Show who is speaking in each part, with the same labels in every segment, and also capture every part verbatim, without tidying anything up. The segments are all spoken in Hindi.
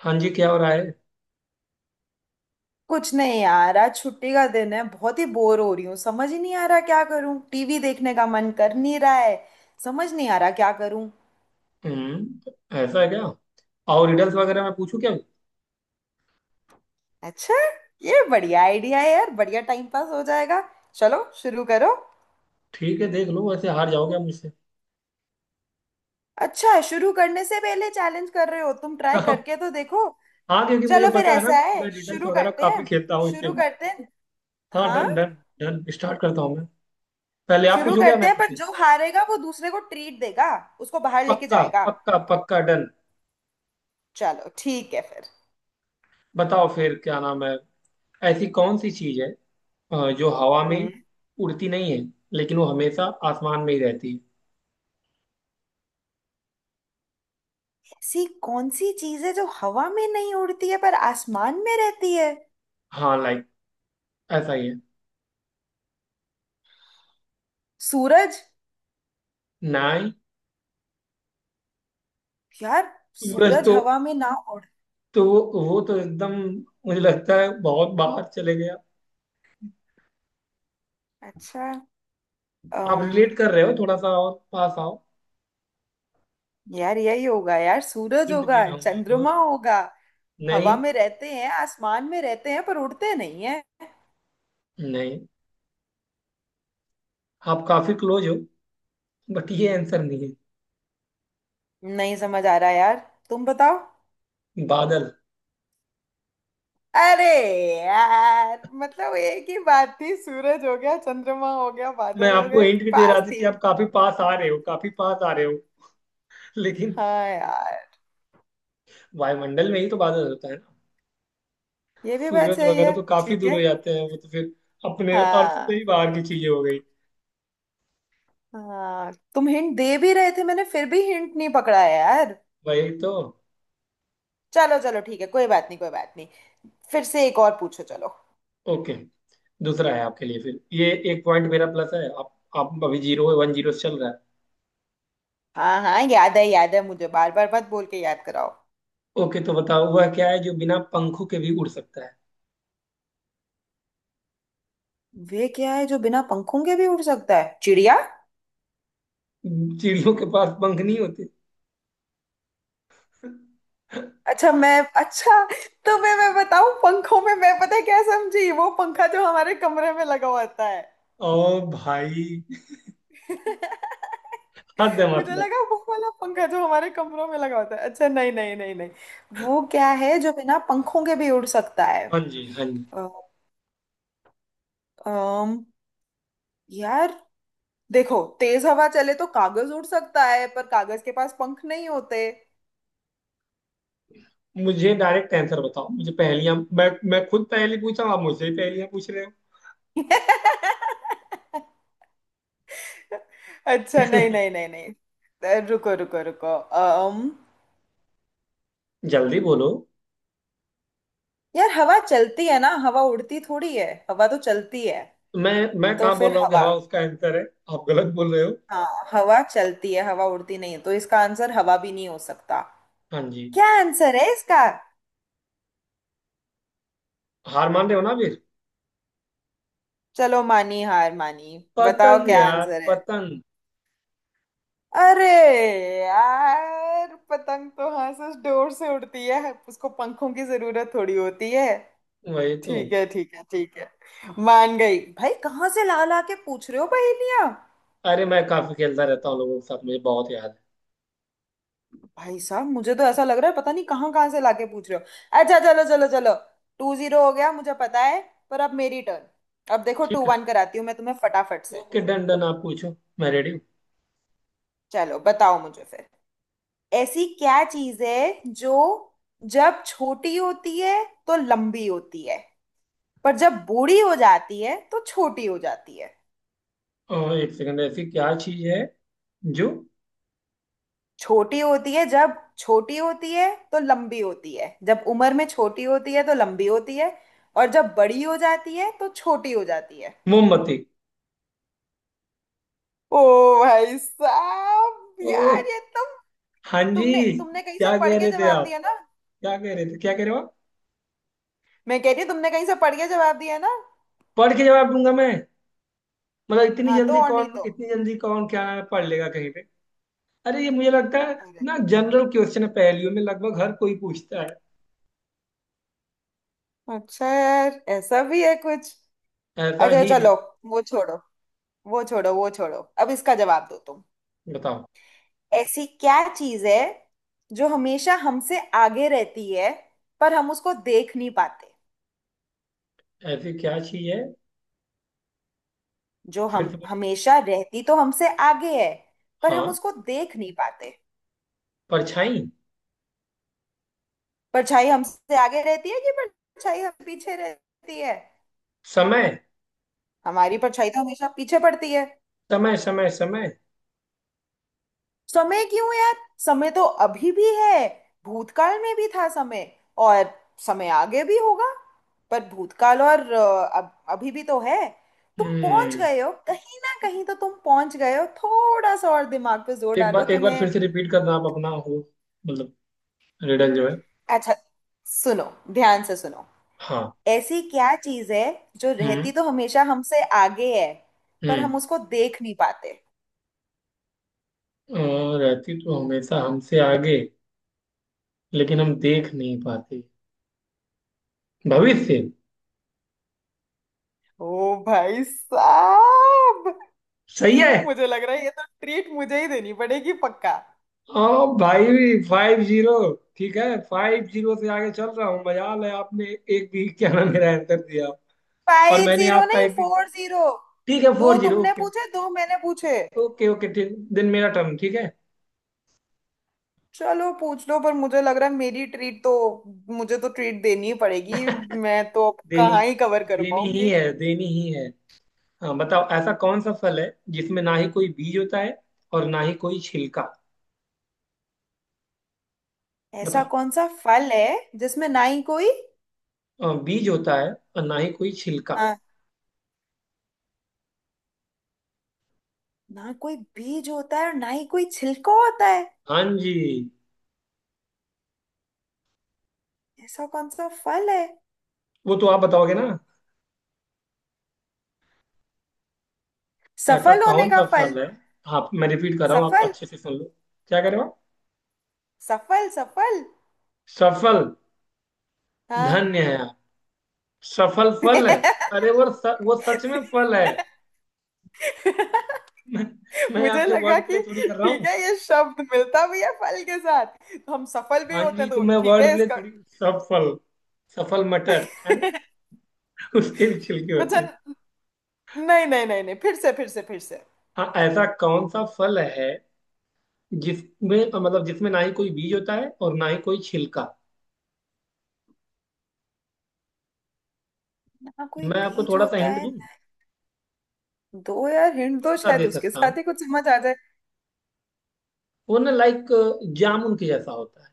Speaker 1: हाँ जी, क्या हो रहा है।
Speaker 2: कुछ नहीं यार, आज छुट्टी का दिन है। बहुत ही बोर हो रही हूँ। समझ ही नहीं आ रहा क्या करूँ। टीवी देखने का मन कर नहीं रहा है। समझ नहीं आ रहा क्या करूँ।
Speaker 1: हम्म ऐसा है क्या। और रिडल्स वगैरह मैं पूछूं क्या?
Speaker 2: अच्छा, ये बढ़िया आइडिया है यार, बढ़िया टाइम पास हो जाएगा। चलो शुरू करो।
Speaker 1: ठीक है, देख लो वैसे हार जाओगे आप मुझसे।
Speaker 2: अच्छा, शुरू करने से पहले चैलेंज कर रहे हो तुम, ट्राई करके तो देखो।
Speaker 1: हाँ, क्योंकि मुझे
Speaker 2: चलो फिर,
Speaker 1: पता है ना,
Speaker 2: ऐसा है
Speaker 1: मैं रिडल्स
Speaker 2: शुरू
Speaker 1: वगैरह
Speaker 2: करते
Speaker 1: काफी
Speaker 2: हैं।
Speaker 1: खेलता हूँ इसलिए
Speaker 2: शुरू
Speaker 1: बोल
Speaker 2: करते हैं
Speaker 1: रहा हूँ। हाँ,
Speaker 2: हाँ
Speaker 1: डन डन डन, स्टार्ट करता हूँ मैं। पहले आप
Speaker 2: शुरू
Speaker 1: पूछोगे या
Speaker 2: करते
Speaker 1: मैं
Speaker 2: हैं पर
Speaker 1: पूछूं?
Speaker 2: जो हारेगा वो दूसरे को ट्रीट देगा, उसको बाहर लेके
Speaker 1: पक्का
Speaker 2: जाएगा।
Speaker 1: पक्का पक्का, डन।
Speaker 2: चलो ठीक है फिर।
Speaker 1: बताओ फिर क्या नाम है। ऐसी कौन सी चीज है अ, जो हवा में
Speaker 2: हम्म।
Speaker 1: उड़ती नहीं है, लेकिन वो हमेशा आसमान में ही रहती है।
Speaker 2: ऐसी कौन सी चीज है जो हवा में नहीं उड़ती है पर आसमान में रहती है?
Speaker 1: हाँ लाइक, ऐसा ही है।
Speaker 2: सूरज।
Speaker 1: ना ही।
Speaker 2: यार,
Speaker 1: सूरज
Speaker 2: सूरज
Speaker 1: तो
Speaker 2: हवा में ना उड़।
Speaker 1: तो वो वो तो एकदम, मुझे लगता है, बहुत बाहर चले गया।
Speaker 2: अच्छा।
Speaker 1: आप
Speaker 2: अम
Speaker 1: रिलेट कर रहे हो, थोड़ा सा और पास आओ।
Speaker 2: यार यही होगा, यार सूरज
Speaker 1: हिंट
Speaker 2: होगा,
Speaker 1: दे रहा हूँ मैं आपको
Speaker 2: चंद्रमा
Speaker 1: बस।
Speaker 2: होगा। हवा
Speaker 1: नहीं,
Speaker 2: में रहते हैं, आसमान में रहते हैं, पर उड़ते नहीं है।
Speaker 1: नहीं, आप काफी क्लोज हो, बट ये आंसर नहीं
Speaker 2: नहीं समझ आ रहा यार, तुम बताओ।
Speaker 1: है। बादल।
Speaker 2: अरे यार, मतलब एक ही बात थी, सूरज हो गया, चंद्रमा हो गया,
Speaker 1: मैं
Speaker 2: बादल हो
Speaker 1: आपको
Speaker 2: गए
Speaker 1: हिंट भी दे रहा
Speaker 2: पास
Speaker 1: था
Speaker 2: थी।
Speaker 1: कि आप काफी पास आ रहे हो, काफी पास आ रहे हो। लेकिन
Speaker 2: हाँ यार,
Speaker 1: वायुमंडल में ही तो बादल होता है ना।
Speaker 2: ये भी बात
Speaker 1: सूरज
Speaker 2: सही
Speaker 1: वगैरह
Speaker 2: है,
Speaker 1: तो काफी
Speaker 2: ठीक
Speaker 1: दूर
Speaker 2: है।
Speaker 1: हो जाते हैं, वो तो फिर अपने अर्थ से
Speaker 2: हाँ,
Speaker 1: ही बाहर की चीजें हो गई।
Speaker 2: हाँ तुम हिंट दे भी रहे थे, मैंने फिर भी हिंट नहीं पकड़ा है यार।
Speaker 1: वही तो।
Speaker 2: चलो चलो ठीक है, कोई बात नहीं, कोई बात नहीं। फिर से एक और पूछो चलो।
Speaker 1: ओके, दूसरा है आपके लिए। फिर ये एक पॉइंट मेरा प्लस है, आप आप अभी जीरो है, वन जीरो से चल रहा है।
Speaker 2: हाँ हाँ, याद है याद है मुझे, बार बार मत बोल के याद कराओ।
Speaker 1: ओके, तो बताओ वह क्या है जो बिना पंखों के भी उड़ सकता है।
Speaker 2: वे क्या है जो बिना पंखों के भी उड़ सकता है? चिड़िया।
Speaker 1: चिड़ियों के पास पंख नहीं होते?
Speaker 2: अच्छा, मैं अच्छा, तुम्हें मैं बताऊं, पंखों में मैं पता है क्या समझी, वो पंखा जो हमारे कमरे में लगा हुआ होता है।
Speaker 1: ओ भाई, हद है
Speaker 2: मुझे
Speaker 1: मतलब।
Speaker 2: लगा वो वाला पंखा जो हमारे कमरों में लगा होता है। अच्छा, नहीं नहीं नहीं नहीं। वो क्या है जो बिना पंखों के भी उड़ सकता है?
Speaker 1: हाँ जी, हाँ जी।
Speaker 2: यार देखो, तेज हवा चले तो कागज उड़ सकता है, पर कागज के पास पंख नहीं होते।
Speaker 1: मुझे डायरेक्ट आंसर बताओ। मुझे पहेलियां, मैं मैं खुद पहेली पूछा हूं, आप मुझसे ही पहेलियां पूछ रहे हो।
Speaker 2: अच्छा, नहीं नहीं नहीं नहीं, अ, रुको रुको रुको। अम
Speaker 1: जल्दी बोलो।
Speaker 2: यार हवा चलती है ना, हवा उड़ती थोड़ी है, हवा तो चलती है।
Speaker 1: मैं मैं
Speaker 2: तो
Speaker 1: कहाँ बोल
Speaker 2: फिर
Speaker 1: रहा हूँ कि
Speaker 2: हवा,
Speaker 1: हवा उसका आंसर है। आप गलत बोल रहे हो।
Speaker 2: हाँ हवा चलती है, हवा उड़ती नहीं है, तो इसका आंसर हवा भी नहीं हो सकता।
Speaker 1: हाँ जी।
Speaker 2: क्या आंसर है इसका?
Speaker 1: हार मान रहे हो ना फिर?
Speaker 2: चलो मानी, हार मानी, बताओ
Speaker 1: पतंग
Speaker 2: क्या
Speaker 1: यार,
Speaker 2: आंसर है।
Speaker 1: पतंग।
Speaker 2: अरे यार, पतंग तो हाँ सच डोर से उड़ती है, उसको पंखों की जरूरत थोड़ी होती है।
Speaker 1: वही तो।
Speaker 2: ठीक है ठीक है ठीक है, मान गई भाई, कहाँ से ला ला के पूछ रहे हो पहेलियां।
Speaker 1: अरे, मैं काफी खेलता रहता हूँ लोगों के साथ, मुझे बहुत याद है।
Speaker 2: भाई साहब, मुझे तो ऐसा लग रहा है पता नहीं कहाँ कहाँ से लाके पूछ रहे हो। अच्छा चलो चलो चलो, टू जीरो हो गया मुझे पता है। पर अब मेरी टर्न, अब देखो टू
Speaker 1: ठीक है।
Speaker 2: वन कराती हूँ मैं तुम्हें फटाफट से।
Speaker 1: ओके, डन डन, आप पूछो। मैं रेडी हूँ।
Speaker 2: चलो बताओ मुझे फिर, ऐसी क्या चीज है जो जब छोटी होती है तो लंबी होती है, पर जब बूढ़ी हो जाती है तो छोटी हो जाती है?
Speaker 1: और एक सेकंड, ऐसी क्या चीज है जो...
Speaker 2: छोटी होती है जब छोटी होती है तो लंबी होती है, जब उम्र में छोटी होती है तो लंबी होती है, और जब बड़ी हो जाती है तो छोटी हो जाती है।
Speaker 1: मोमबत्ती।
Speaker 2: ओ भाई साहब,
Speaker 1: ओ,
Speaker 2: यार ये तुम,
Speaker 1: हाँ जी।
Speaker 2: तुमने तुमने कहीं से
Speaker 1: क्या
Speaker 2: पढ़
Speaker 1: कह
Speaker 2: के
Speaker 1: रहे थे
Speaker 2: जवाब
Speaker 1: आप?
Speaker 2: दिया ना।
Speaker 1: क्या कह रहे थे? क्या कह रहे हो आप?
Speaker 2: मैं कह रही हूँ तुमने कहीं से पढ़ के जवाब दिया ना।
Speaker 1: पढ़ के जवाब दूंगा मैं? मतलब इतनी
Speaker 2: हाँ तो
Speaker 1: जल्दी
Speaker 2: और नहीं
Speaker 1: कौन,
Speaker 2: तो।
Speaker 1: इतनी जल्दी कौन क्या नाम है पढ़ लेगा कहीं पे। अरे, ये मुझे लगता है
Speaker 2: अरे,
Speaker 1: ना, जनरल क्वेश्चन है, पहेलियों में लगभग हर कोई पूछता है।
Speaker 2: अच्छा यार, ऐसा भी है कुछ।
Speaker 1: ऐसा
Speaker 2: अच्छा
Speaker 1: ही है।
Speaker 2: चलो, वो छोड़ो वो छोड़ो वो छोड़ो, अब इसका जवाब दो तुम।
Speaker 1: बताओ,
Speaker 2: ऐसी क्या चीज है जो हमेशा हमसे आगे रहती है, पर हम उसको देख नहीं पाते?
Speaker 1: ऐसी क्या चीज है।
Speaker 2: जो
Speaker 1: फिर
Speaker 2: हम
Speaker 1: से बोलो।
Speaker 2: हमेशा रहती तो हमसे आगे है, पर हम
Speaker 1: हाँ,
Speaker 2: उसको देख नहीं पाते।
Speaker 1: परछाई।
Speaker 2: परछाई हमसे आगे रहती है कि परछाई हम पीछे रहती है?
Speaker 1: समय,
Speaker 2: हमारी परछाई तो हमेशा पीछे पड़ती है।
Speaker 1: समय, समय, समय।
Speaker 2: समय क्यों यार, समय तो अभी भी है, भूतकाल में भी था समय, और समय आगे भी होगा। पर भूतकाल और अ, अब अभी भी तो है। तुम पहुंच
Speaker 1: हम्म
Speaker 2: गए हो कहीं ना कहीं, तो तुम पहुंच गए हो, थोड़ा सा और दिमाग पे जोर
Speaker 1: एक
Speaker 2: डालो
Speaker 1: बार, एक बार फिर
Speaker 2: तुम्हें।
Speaker 1: से रिपीट करना आप अपना, हो मतलब रिडल जो है।
Speaker 2: अच्छा सुनो, ध्यान से सुनो,
Speaker 1: हाँ,
Speaker 2: ऐसी क्या चीज है जो
Speaker 1: हम्म,
Speaker 2: रहती तो हमेशा हमसे आगे है, पर हम
Speaker 1: हम्म।
Speaker 2: उसको देख नहीं पाते?
Speaker 1: अ, रहती तो हमेशा हमसे आगे, लेकिन हम देख नहीं पाते। भविष्य।
Speaker 2: ओ भाई साहब,
Speaker 1: सही है।
Speaker 2: मुझे लग रहा है ये तो ट्रीट मुझे ही देनी पड़ेगी पक्का।
Speaker 1: ओ भाई, फाइव जीरो। ठीक है, फाइव जीरो से आगे चल रहा हूँ, मजाल है आपने एक भी क्या नाम मेरा आंसर दिया। और
Speaker 2: फाइव
Speaker 1: मैंने
Speaker 2: जीरो
Speaker 1: आपका
Speaker 2: नहीं,
Speaker 1: एक भी...
Speaker 2: फोर जीरो।
Speaker 1: ठीक है,
Speaker 2: दो
Speaker 1: फोर जीरो,
Speaker 2: तुमने
Speaker 1: ओके।
Speaker 2: पूछे, दो मैंने पूछे।
Speaker 1: ओके, ओके, ठीक दिन मेरा टर्न, ठीक है।
Speaker 2: चलो पूछ लो, पर मुझे लग रहा है मेरी ट्रीट तो, मुझे तो ट्रीट देनी ही पड़ेगी, मैं तो अब
Speaker 1: देनी,
Speaker 2: कहाँ ही कवर कर
Speaker 1: देनी ही
Speaker 2: पाऊंगी।
Speaker 1: है, देनी ही है। हाँ बताओ, ऐसा कौन सा फल है जिसमें ना ही कोई बीज होता है और ना ही कोई छिलका?
Speaker 2: ऐसा
Speaker 1: बताओ।
Speaker 2: कौन सा फल है जिसमें ना ही कोई,
Speaker 1: अ, बीज होता है और ना ही कोई छिलका।
Speaker 2: हाँ, ना कोई बीज होता है और ना ही कोई छिलका होता है।
Speaker 1: हाँ जी।
Speaker 2: ऐसा कौन सा फल है?
Speaker 1: वो तो आप बताओगे ना। ऐसा
Speaker 2: सफल होने
Speaker 1: कौन
Speaker 2: का
Speaker 1: सा
Speaker 2: फल,
Speaker 1: फल है। आप, मैं रिपीट कर रहा हूँ, आप
Speaker 2: सफल
Speaker 1: अच्छे से सुन लो। क्या करे आप।
Speaker 2: सफल सफल
Speaker 1: सफल।
Speaker 2: हाँ।
Speaker 1: धन्य है आप। सफल फल है? अरे, वो स, वो सच में फल है। मैं, मैं
Speaker 2: मुझे
Speaker 1: आपसे
Speaker 2: लगा
Speaker 1: वर्ड
Speaker 2: कि
Speaker 1: प्ले थोड़ी कर रहा
Speaker 2: ठीक
Speaker 1: हूँ।
Speaker 2: है, ये शब्द मिलता भी है फल के साथ, तो हम सफल भी
Speaker 1: हाँ
Speaker 2: होते
Speaker 1: जी,
Speaker 2: हैं,
Speaker 1: तो
Speaker 2: तो
Speaker 1: मैं
Speaker 2: ठीक
Speaker 1: वर्ड
Speaker 2: है
Speaker 1: प्ले
Speaker 2: इसका।
Speaker 1: थोड़ी... सफल, सफल मटर है ना, उसके भी छिलके होते
Speaker 2: अच्छा,
Speaker 1: हैं।
Speaker 2: नहीं नहीं नहीं नहीं, फिर से फिर से फिर से।
Speaker 1: हाँ, ऐसा कौन सा फल है जिसमें, मतलब जिसमें, ना ही कोई बीज होता है और ना ही कोई छिलका?
Speaker 2: ना कोई
Speaker 1: मैं आपको
Speaker 2: बीज
Speaker 1: थोड़ा सा
Speaker 2: होता
Speaker 1: हिंट
Speaker 2: है
Speaker 1: दूं?
Speaker 2: ना-, दो यार हिंट दो,
Speaker 1: थोड़ा सा
Speaker 2: शायद
Speaker 1: दे
Speaker 2: उसके
Speaker 1: सकता हूँ।
Speaker 2: साथ ही कुछ समझ आ जाए।
Speaker 1: वो ना, लाइक जामुन के जैसा होता है।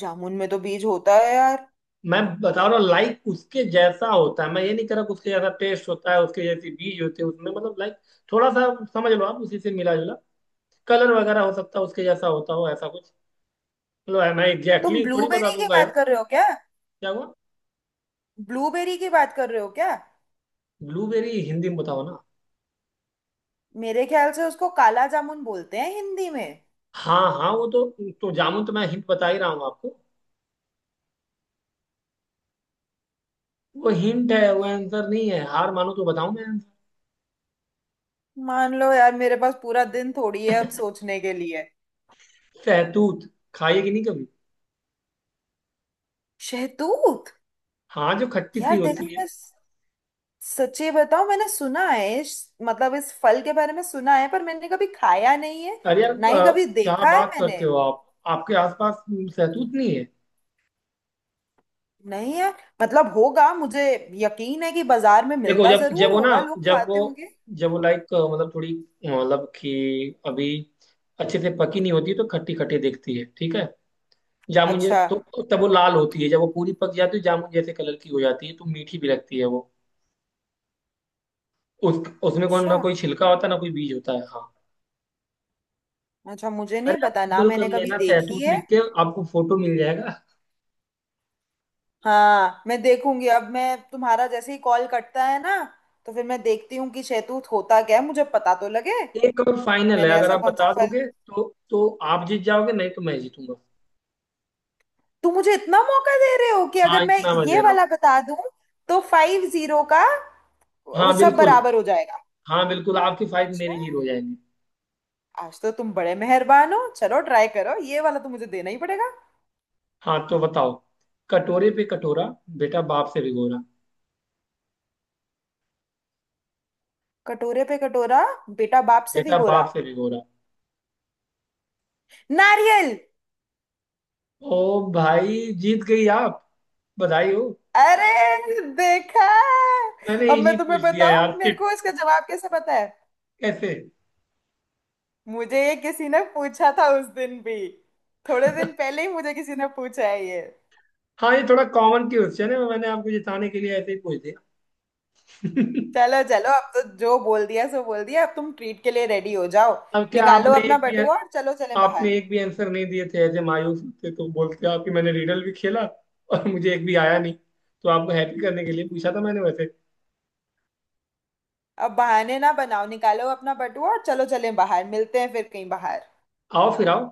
Speaker 2: जामुन में तो बीज होता है यार।
Speaker 1: मैं बता रहा हूँ, लाइक उसके जैसा होता है, मैं ये नहीं कह रहा कि उसके जैसा टेस्ट होता है, उसके जैसे बीज होते हैं उसमें। मतलब लाइक, थोड़ा सा समझ लो आप, उसी से मिला जुला कलर वगैरह हो सकता है, उसके जैसा होता हो ऐसा कुछ। मतलब है, मैं एग्जैक्टली
Speaker 2: तुम
Speaker 1: exactly थोड़ी बता
Speaker 2: ब्लूबेरी की
Speaker 1: दूंगा
Speaker 2: बात
Speaker 1: यार।
Speaker 2: कर रहे हो क्या?
Speaker 1: क्या हुआ?
Speaker 2: ब्लूबेरी की बात कर रहे हो क्या?
Speaker 1: ब्लूबेरी हिंदी में बताओ ना।
Speaker 2: मेरे ख्याल से उसको काला जामुन बोलते हैं हिंदी में।
Speaker 1: हाँ हाँ, वो तो तो जामुन तो मैं हिंट बता ही रहा हूँ आपको। वो हिंट है, वो आंसर नहीं है। हार मानो तो बताऊं मैं आंसर।
Speaker 2: मान लो यार, मेरे पास पूरा दिन थोड़ी है अब सोचने के लिए।
Speaker 1: सहतूत। खाइए कि नहीं कभी?
Speaker 2: शहतूत।
Speaker 1: हाँ, जो खट्टी सी
Speaker 2: यार देखो
Speaker 1: होती है।
Speaker 2: बस, सच्ची बताओ, मैंने सुना है इस-, मतलब इस फल के बारे में सुना है, पर मैंने कभी खाया नहीं है,
Speaker 1: अरे यार,
Speaker 2: ना ही
Speaker 1: अ,
Speaker 2: कभी
Speaker 1: क्या
Speaker 2: देखा है
Speaker 1: बात
Speaker 2: मैंने।
Speaker 1: करते हो आप। आपके आसपास सहतूत नहीं है?
Speaker 2: नहीं यार, मतलब होगा, मुझे यकीन है कि बाजार में
Speaker 1: देखो,
Speaker 2: मिलता
Speaker 1: जब जब
Speaker 2: जरूर
Speaker 1: वो ना,
Speaker 2: होगा, लोग
Speaker 1: जब वो,
Speaker 2: खाते होंगे।
Speaker 1: जब वो लाइक मतलब थोड़ी, अ, मतलब कि अभी अच्छे से पकी नहीं होती तो खट्टी खट्टी दिखती है, ठीक है। जामुन जै-
Speaker 2: अच्छा,
Speaker 1: तो तब वो लाल होती है, जब वो पूरी पक जाती है जामुन जैसे कलर की हो जाती है तो मीठी भी लगती है वो। उस उसमें कौन ना
Speaker 2: अच्छा
Speaker 1: कोई छिलका होता है, ना कोई बीज होता है, हाँ।
Speaker 2: अच्छा मुझे नहीं
Speaker 1: अरे, आप
Speaker 2: पता ना,
Speaker 1: गूगल कर
Speaker 2: मैंने कभी
Speaker 1: लेना,
Speaker 2: देखी
Speaker 1: सैतूत
Speaker 2: है।
Speaker 1: लिख के आपको फोटो मिल जाएगा।
Speaker 2: हाँ मैं देखूंगी, अब मैं तुम्हारा जैसे ही कॉल कटता है ना, तो फिर मैं देखती हूँ कि शहतूत होता क्या है, मुझे पता तो लगे।
Speaker 1: एक और फाइनल है,
Speaker 2: मैंने
Speaker 1: अगर
Speaker 2: ऐसा
Speaker 1: आप
Speaker 2: कौन सा
Speaker 1: बता
Speaker 2: फल,
Speaker 1: दोगे तो तो आप जीत जाओगे, नहीं तो मैं जीतूंगा।
Speaker 2: तुम मुझे इतना मौका दे रहे हो कि अगर
Speaker 1: हाँ,
Speaker 2: मैं
Speaker 1: इतना मैं दे
Speaker 2: ये
Speaker 1: रहा हूँ।
Speaker 2: वाला बता दूं, तो फाइव जीरो का वो
Speaker 1: हाँ
Speaker 2: सब
Speaker 1: बिल्कुल,
Speaker 2: बराबर हो जाएगा।
Speaker 1: हाँ बिल्कुल, आपकी फाइट
Speaker 2: अच्छा,
Speaker 1: मेरी जीरो हो जाएंगी।
Speaker 2: आज तो तुम बड़े मेहरबान हो, चलो ट्राई करो, ये वाला तो मुझे देना ही पड़ेगा।
Speaker 1: हाँ तो बताओ: कटोरे पे कटोरा, बेटा बाप से भिगोरा।
Speaker 2: कटोरे पे कटोरा, बेटा बाप से भी
Speaker 1: बेटा
Speaker 2: गोरा,
Speaker 1: बाप से भिगोरा।
Speaker 2: नारियल।
Speaker 1: ओ भाई, जीत गई आप, बधाई हो।
Speaker 2: अरे देखा,
Speaker 1: मैंने
Speaker 2: अब
Speaker 1: इजी
Speaker 2: मैं तुम्हें
Speaker 1: पूछ दिया यार,
Speaker 2: बताऊं मेरे
Speaker 1: सिट।
Speaker 2: को इसका जवाब कैसे पता है।
Speaker 1: कैसे?
Speaker 2: मुझे ये किसी ने पूछा था उस दिन भी, थोड़े दिन पहले ही मुझे किसी ने पूछा है ये।
Speaker 1: हाँ, ये थोड़ा कॉमन क्वेश्चन है, मैंने आपको जिताने के लिए ऐसे ही पूछ दिया।
Speaker 2: चलो चलो, अब तो जो बोल दिया सो बोल दिया, अब तुम ट्रीट के लिए रेडी हो जाओ।
Speaker 1: अब क्या
Speaker 2: निकालो
Speaker 1: आपने
Speaker 2: अपना
Speaker 1: एक भी
Speaker 2: बटुआ और चलो चलें बाहर।
Speaker 1: आपने एक भी आंसर नहीं दिए थे, एज ए मायूस थे तो बोलते आप कि मैंने रीडल भी खेला, और मुझे एक भी आया नहीं। तो आपको हैप्पी करने के लिए पूछा था मैंने, वैसे।
Speaker 2: अब बहाने ना बनाओ, निकालो अपना बटुआ और चलो चलें बाहर, मिलते हैं फिर कहीं बाहर।
Speaker 1: आओ फिर, आओ।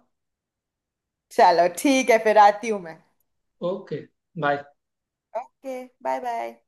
Speaker 2: चलो ठीक है, फिर आती हूँ मैं।
Speaker 1: Okay, bye.
Speaker 2: Okay bye bye.